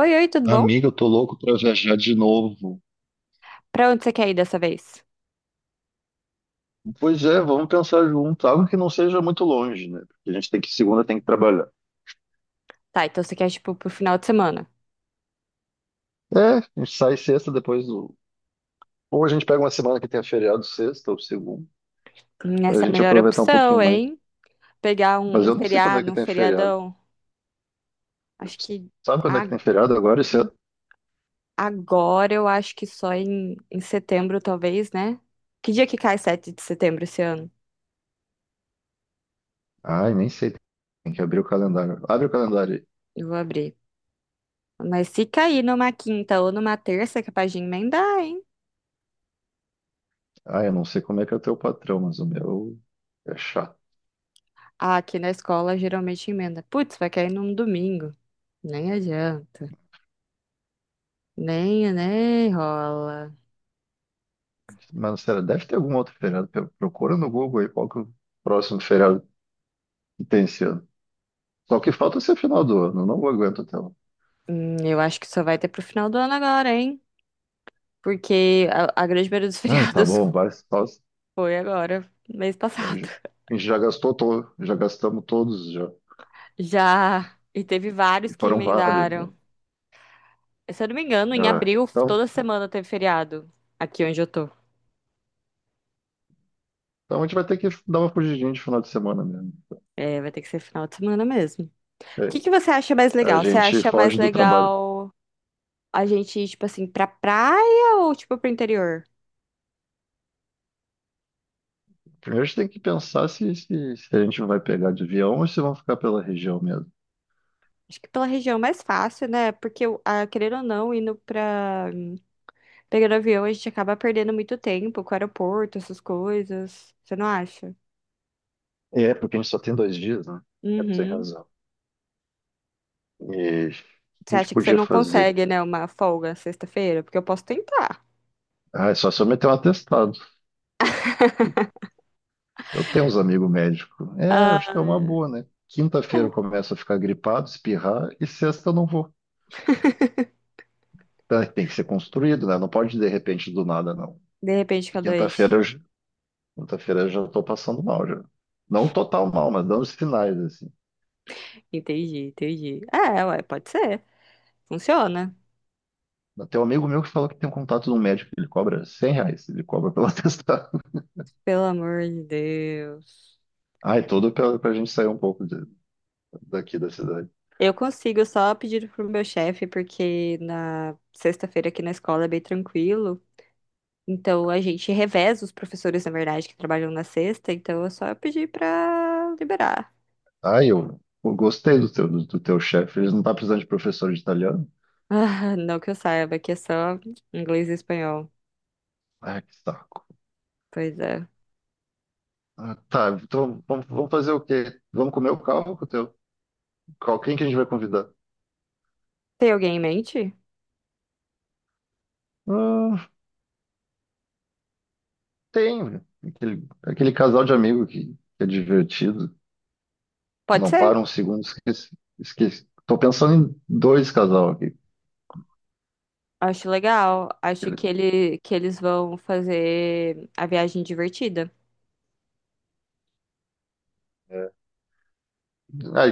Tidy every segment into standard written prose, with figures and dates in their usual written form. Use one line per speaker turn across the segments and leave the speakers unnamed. Oi, oi, tudo bom?
Amiga, eu tô louco pra viajar de novo.
Pra onde você quer ir dessa vez?
Pois é, vamos pensar junto. Algo que não seja muito longe, né? Porque a gente segunda tem que trabalhar.
Tá, então você quer, tipo, pro final de semana.
É, a gente sai sexta depois do. Ou a gente pega uma semana que tenha feriado sexta ou segunda, pra
Essa é a
gente
melhor
aproveitar um pouquinho
opção,
mais.
hein? Pegar
Mas
um
eu não sei quando é que
feriado, um
tem feriado.
feriadão. Acho que
Sabe quando é
a-
que tem feriado agora esse ano?
agora eu acho que só em, em setembro, talvez, né? Que dia que cai 7 de setembro esse ano?
Ai, nem sei. Tem que abrir o calendário. Abre o calendário aí.
Eu vou abrir. Mas se cair numa quinta ou numa terça, é capaz de emendar, hein?
Ai, eu não sei como é que é o teu patrão, mas o meu é chato.
Ah, aqui na escola geralmente emenda. Putz, vai cair num domingo. Nem adianta. Nem rola.
Mas, sério, deve ter algum outro feriado. Procura no Google aí qual que é o próximo feriado que tem esse ano. Só que falta ser final do ano, eu não aguento até lá.
Eu acho que só vai ter pro final do ano agora, hein? Porque a grande maioria dos
Ah, tá
feriados
bom, vai.
foi agora, mês
A
passado.
gente a gente já gastou todo, já gastamos todos já.
Já. E teve
E
vários que
foram vários, né?
emendaram. Se eu não me engano, em
Ah,
abril,
então,
toda semana teve feriado aqui onde eu tô.
então a gente vai ter que dar uma fugidinha de final de semana mesmo.
É, vai ter que ser final de semana mesmo. O
É,
que que você acha mais
a
legal? Você
gente
acha mais
foge do trabalho.
legal a gente ir, tipo assim, pra praia ou, tipo, pro interior?
Primeiro a gente tem que pensar se a gente vai pegar de avião ou se vão ficar pela região mesmo.
Acho que pela região é mais fácil, né? Porque, ah, querendo ou não, indo pra pegando avião, a gente acaba perdendo muito tempo com o aeroporto, essas coisas. Você não acha?
É, porque a gente só tem 2 dias, né? É, tu tem
Uhum.
razão. E a
Você
gente
acha que você
podia
não
fazer.
consegue, né, uma folga sexta-feira? Porque eu posso tentar.
Ah, é só se eu meter um atestado. Eu tenho uns amigos médicos. É, acho que é
Ah,
uma boa, né? Quinta-feira eu começo a ficar gripado, espirrar, e sexta eu não vou. Tá, tem que ser construído, né? Não pode de repente do nada, não.
de repente fica
Quinta-feira
doente.
eu, já- quinta-feira eu já estou passando mal, já. Não total mal, mas dando os sinais, assim.
Entendi, entendi. É, ué, pode ser. Funciona.
Tem um amigo meu que falou que tem um contato de um médico que ele cobra R$ 100, ele cobra pela testada.
Pelo amor de Deus.
Ai, tudo pra gente sair um pouco daqui da cidade.
Eu consigo só pedir pro meu chefe, porque na sexta-feira aqui na escola é bem tranquilo. Então a gente reveza os professores, na verdade, que trabalham na sexta. Então é só eu pedir pra liberar.
Ai, eu gostei do teu, do teu chefe, ele não tá precisando de professor de italiano?
Ah, não que eu saiba, que é só inglês e espanhol.
Ai, que saco.
Pois é.
Ah, tá, então vamos fazer o quê? Vamos comer o carro com o teu? Quem que a gente vai convidar?
Tem alguém em mente?
Hum, tem aquele casal de amigo que é divertido, que
Pode
não
ser.
para um segundo, esqueci, esqueci. Tô pensando em dois casal aqui.
Acho legal. Acho que
Ele-
ele que eles vão fazer a viagem divertida.
É. Ai,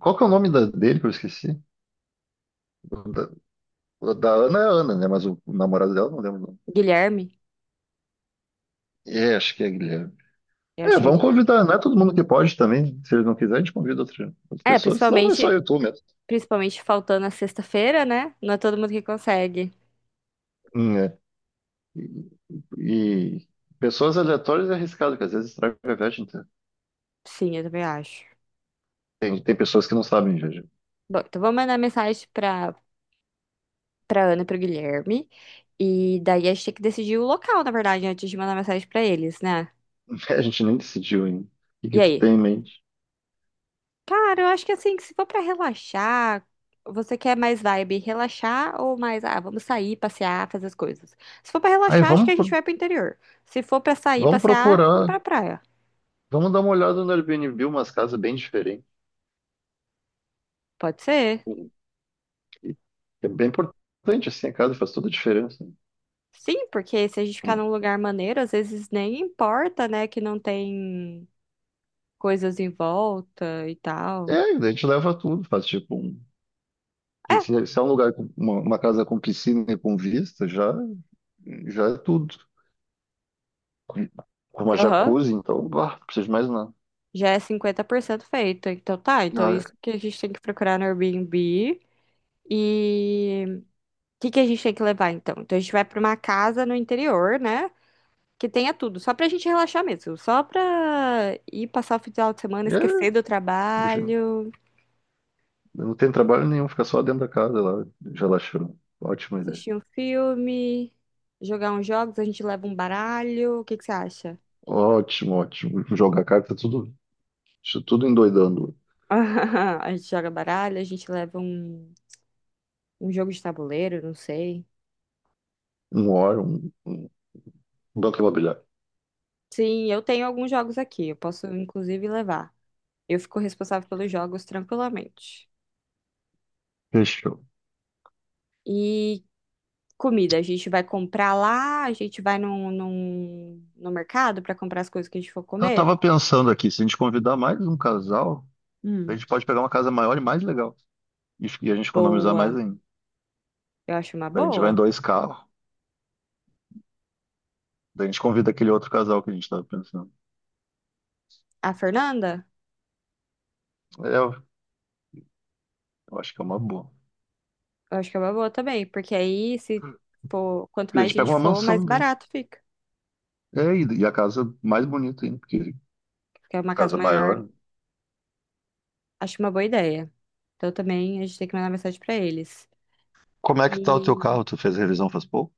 qual que é o nome dele que eu esqueci? O da, o da Ana é Ana, né? Mas o namorado dela eu não lembro o nome.
Guilherme,
É, acho que é Guilherme.
eu
É,
acho que é
vamos
Guilherme.
convidar, não é todo mundo que pode também. Se ele não quiser, a gente convida outra
É,
pessoa, senão vai só
principalmente,
eu e tu mesmo.
principalmente faltando a sexta-feira, né? Não é todo mundo que consegue.
Hum. É. E pessoas aleatórias é arriscado, que às vezes estraga a viagem inteira.
Sim, eu também acho.
Tem pessoas que não sabem, viajar.
Bom, então vou mandar mensagem pra para Ana e pro Guilherme e daí a gente tem que decidir o local, na verdade, antes de mandar mensagem pra eles, né?
A gente nem decidiu ainda. O que
E
que tu
aí?
tem em mente?
Cara, eu acho que assim, que se for pra relaxar, você quer mais vibe relaxar ou mais, ah, vamos sair, passear, fazer as coisas. Se for pra
Aí
relaxar, acho que
vamos,
a gente
pro-
vai pro interior. Se for pra sair,
Vamos
passear, vamos
procurar,
pra praia.
vamos dar uma olhada no Airbnb, umas casas bem diferentes.
Pode ser?
E- É bem importante, assim, a casa faz toda a diferença.
Sim, porque se a gente ficar
Como-
num lugar maneiro, às vezes nem importa, né, que não tem coisas em volta e tal.
É, daí a gente leva tudo, faz tipo um.
É,
Se é um lugar, uma casa com piscina e com vista, já, já é tudo. Com com uma
aham.
jacuzzi, então, bah, não precisa de mais nada.
Já é 50% feito. Então tá, então
Ah,
isso que a gente tem que procurar no Airbnb. E que a gente tem que levar então? Então a gente vai pra uma casa no interior, né? Que tenha tudo, só pra gente relaxar mesmo, só pra ir passar o final de semana, esquecer do
é,
trabalho,
não tem trabalho nenhum, fica só dentro da casa lá, relaxando. Ótima ideia.
assistir um filme, jogar uns jogos, a gente leva um baralho, o que que você acha?
Ótimo, ótimo. Jogar carta, tudo, isso tudo endoidando.
A gente joga baralho, a gente leva um jogo de tabuleiro, não sei.
Um hora, um banco imobiliário.
Sim, eu tenho alguns jogos aqui, eu posso inclusive levar. Eu fico responsável pelos jogos tranquilamente.
Fechou.
E comida. A gente vai comprar lá, a gente vai no mercado para comprar as coisas que a gente for
Eu
comer.
tava pensando aqui, se a gente convidar mais um casal, a
Hum.
gente pode pegar uma casa maior e mais legal. E a gente economizar mais
Boa.
ainda.
Eu acho uma
Daí a gente vai em
boa.
dois carros. Daí a gente convida aquele outro casal que a gente tava pensando.
A Fernanda,
É, eu acho que é uma boa.
eu acho que é uma boa também, porque aí se for, quanto
Porque a
mais
gente pega
gente
uma
for, mais
mansão daí.
barato fica.
É, e a casa mais bonita ainda, porque
Porque é
a
uma casa
casa
maior,
maior.
acho uma boa ideia. Então também a gente tem que mandar mensagem para eles.
Como é que tá o teu
E
carro? Tu fez revisão faz pouco?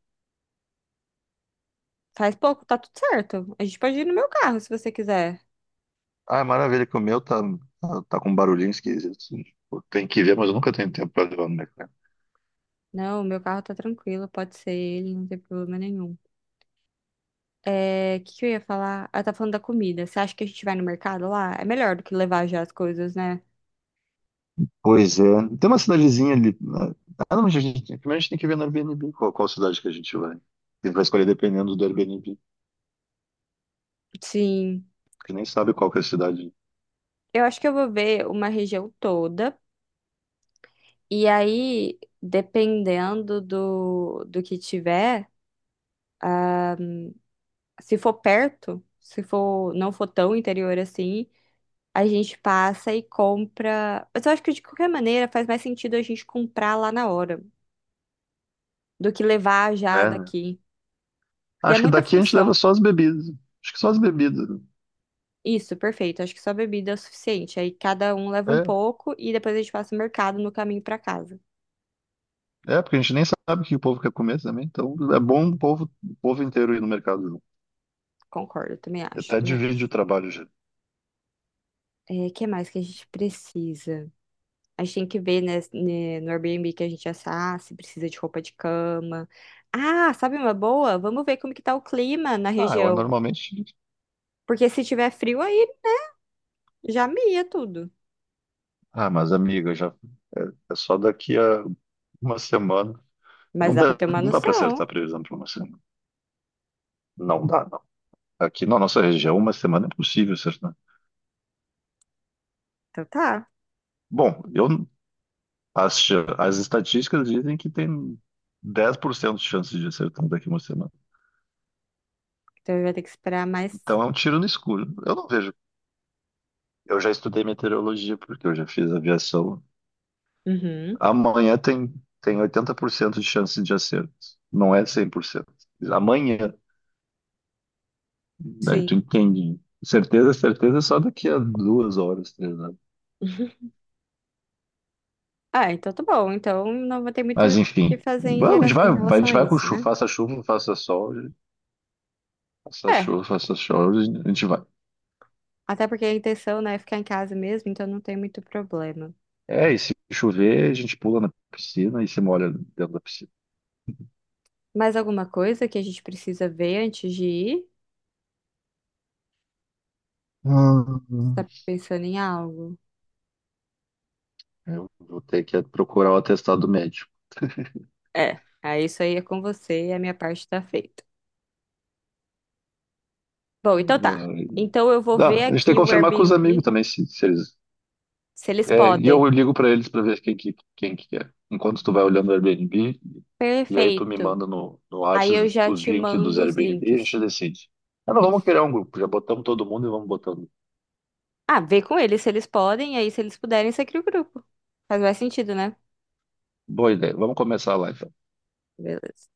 faz pouco, tá tudo certo. A gente pode ir no meu carro se você quiser.
Ah, maravilha, que o meu tá com um barulhinho esquisito. Pô, tem que ver, mas eu nunca tenho tempo pra levar no mecânico.
Não, o meu carro tá tranquilo, pode ser ele, não tem problema nenhum. É, o que que eu ia falar? Ah, tá falando da comida. Você acha que a gente vai no mercado lá? É melhor do que levar já as coisas, né?
Pois é. Tem uma cidadezinha ali, né? Ah, não, mas a gente, primeiro a gente tem que ver no Airbnb qual cidade que a gente vai. A gente vai escolher dependendo do Airbnb. A
Sim.
gente nem sabe qual que é a cidade.
Eu acho que eu vou ver uma região toda. E aí, dependendo do que tiver, se for perto, se for, não for tão interior assim, a gente passa e compra. Mas eu acho que de qualquer maneira faz mais sentido a gente comprar lá na hora do que levar já
É, né?
daqui. Porque é
Acho que
muita
daqui a gente leva
função.
só as bebidas. Acho que só as bebidas, né?
Isso, perfeito. Acho que só bebida é o suficiente. Aí cada um leva um
É,
pouco e depois a gente passa o mercado no caminho pra casa.
é, porque a gente nem sabe o que o povo quer comer também. Então é bom o povo inteiro ir no mercado junto.
Concordo, também
E
acho,
até
também
divide o
acho.
trabalho já.
É, que mais que a gente precisa? A gente tem que ver, no Airbnb que a gente assar, se precisa de roupa de cama. Ah, sabe uma boa? Vamos ver como que tá o clima na
Ah, eu
região.
normalmente.
Porque se tiver frio aí, já mia tudo.
Ah, mas amiga, já é, é só daqui a uma semana.
Mas
Não
dá pra
dá,
ter uma
não dá para acertar
noção.
a previsão para uma semana. Não dá, não. Aqui na nossa região, uma semana é impossível acertar.
Então tá.
Bom, as estatísticas dizem que tem 10% de chances de acertar daqui a uma semana.
Então vai ter que esperar mais.
Então é um tiro no escuro. Eu não vejo. Eu já estudei meteorologia, porque eu já fiz aviação.
Uhum,
Amanhã tem 80% de chance de acerto. Não é 100%. Amanhã. Daí
sim.
tu entende. Certeza, certeza, é só daqui a 2 horas, 3 horas.
Ah, então tá bom. Então não vai ter muito o
Mas
que
enfim,
fazer em,
vamos, a gente
em
vai, vai- a
relação
gente
a
vai com
isso, né?
chuva, faça sol, faça
É,
chuva, faça sol, a gente vai.
até porque a intenção, né, é ficar em casa mesmo, então não tem muito problema.
É, e se chover, a gente pula na piscina e se molha dentro da piscina.
Mais alguma coisa que a gente precisa ver antes de ir? Você
Hum.
tá pensando em algo?
Eu vou ter que procurar o atestado médico.
É, aí isso aí é com você e a minha parte tá feita. Bom, então tá.
Ai.
Então eu vou ver
Ah, a gente tem
aqui
que
o
confirmar com os amigos
Airbnb,
também, se eles.
se eles
É, e
podem.
eu ligo para eles para ver quem que é. Enquanto tu vai olhando o Airbnb, e aí tu me
Perfeito.
manda no Whats
Aí eu já
os
te
links dos
mando os
Airbnb e a gente
links.
decide. Ah, não, vamos
Isso.
criar um grupo. Já botamos todo mundo e vamos botando.
Ah, vê com eles se eles podem, e aí se eles puderem, você cria o grupo. Faz mais sentido, né?
Boa ideia. Vamos começar lá, então.
Beleza.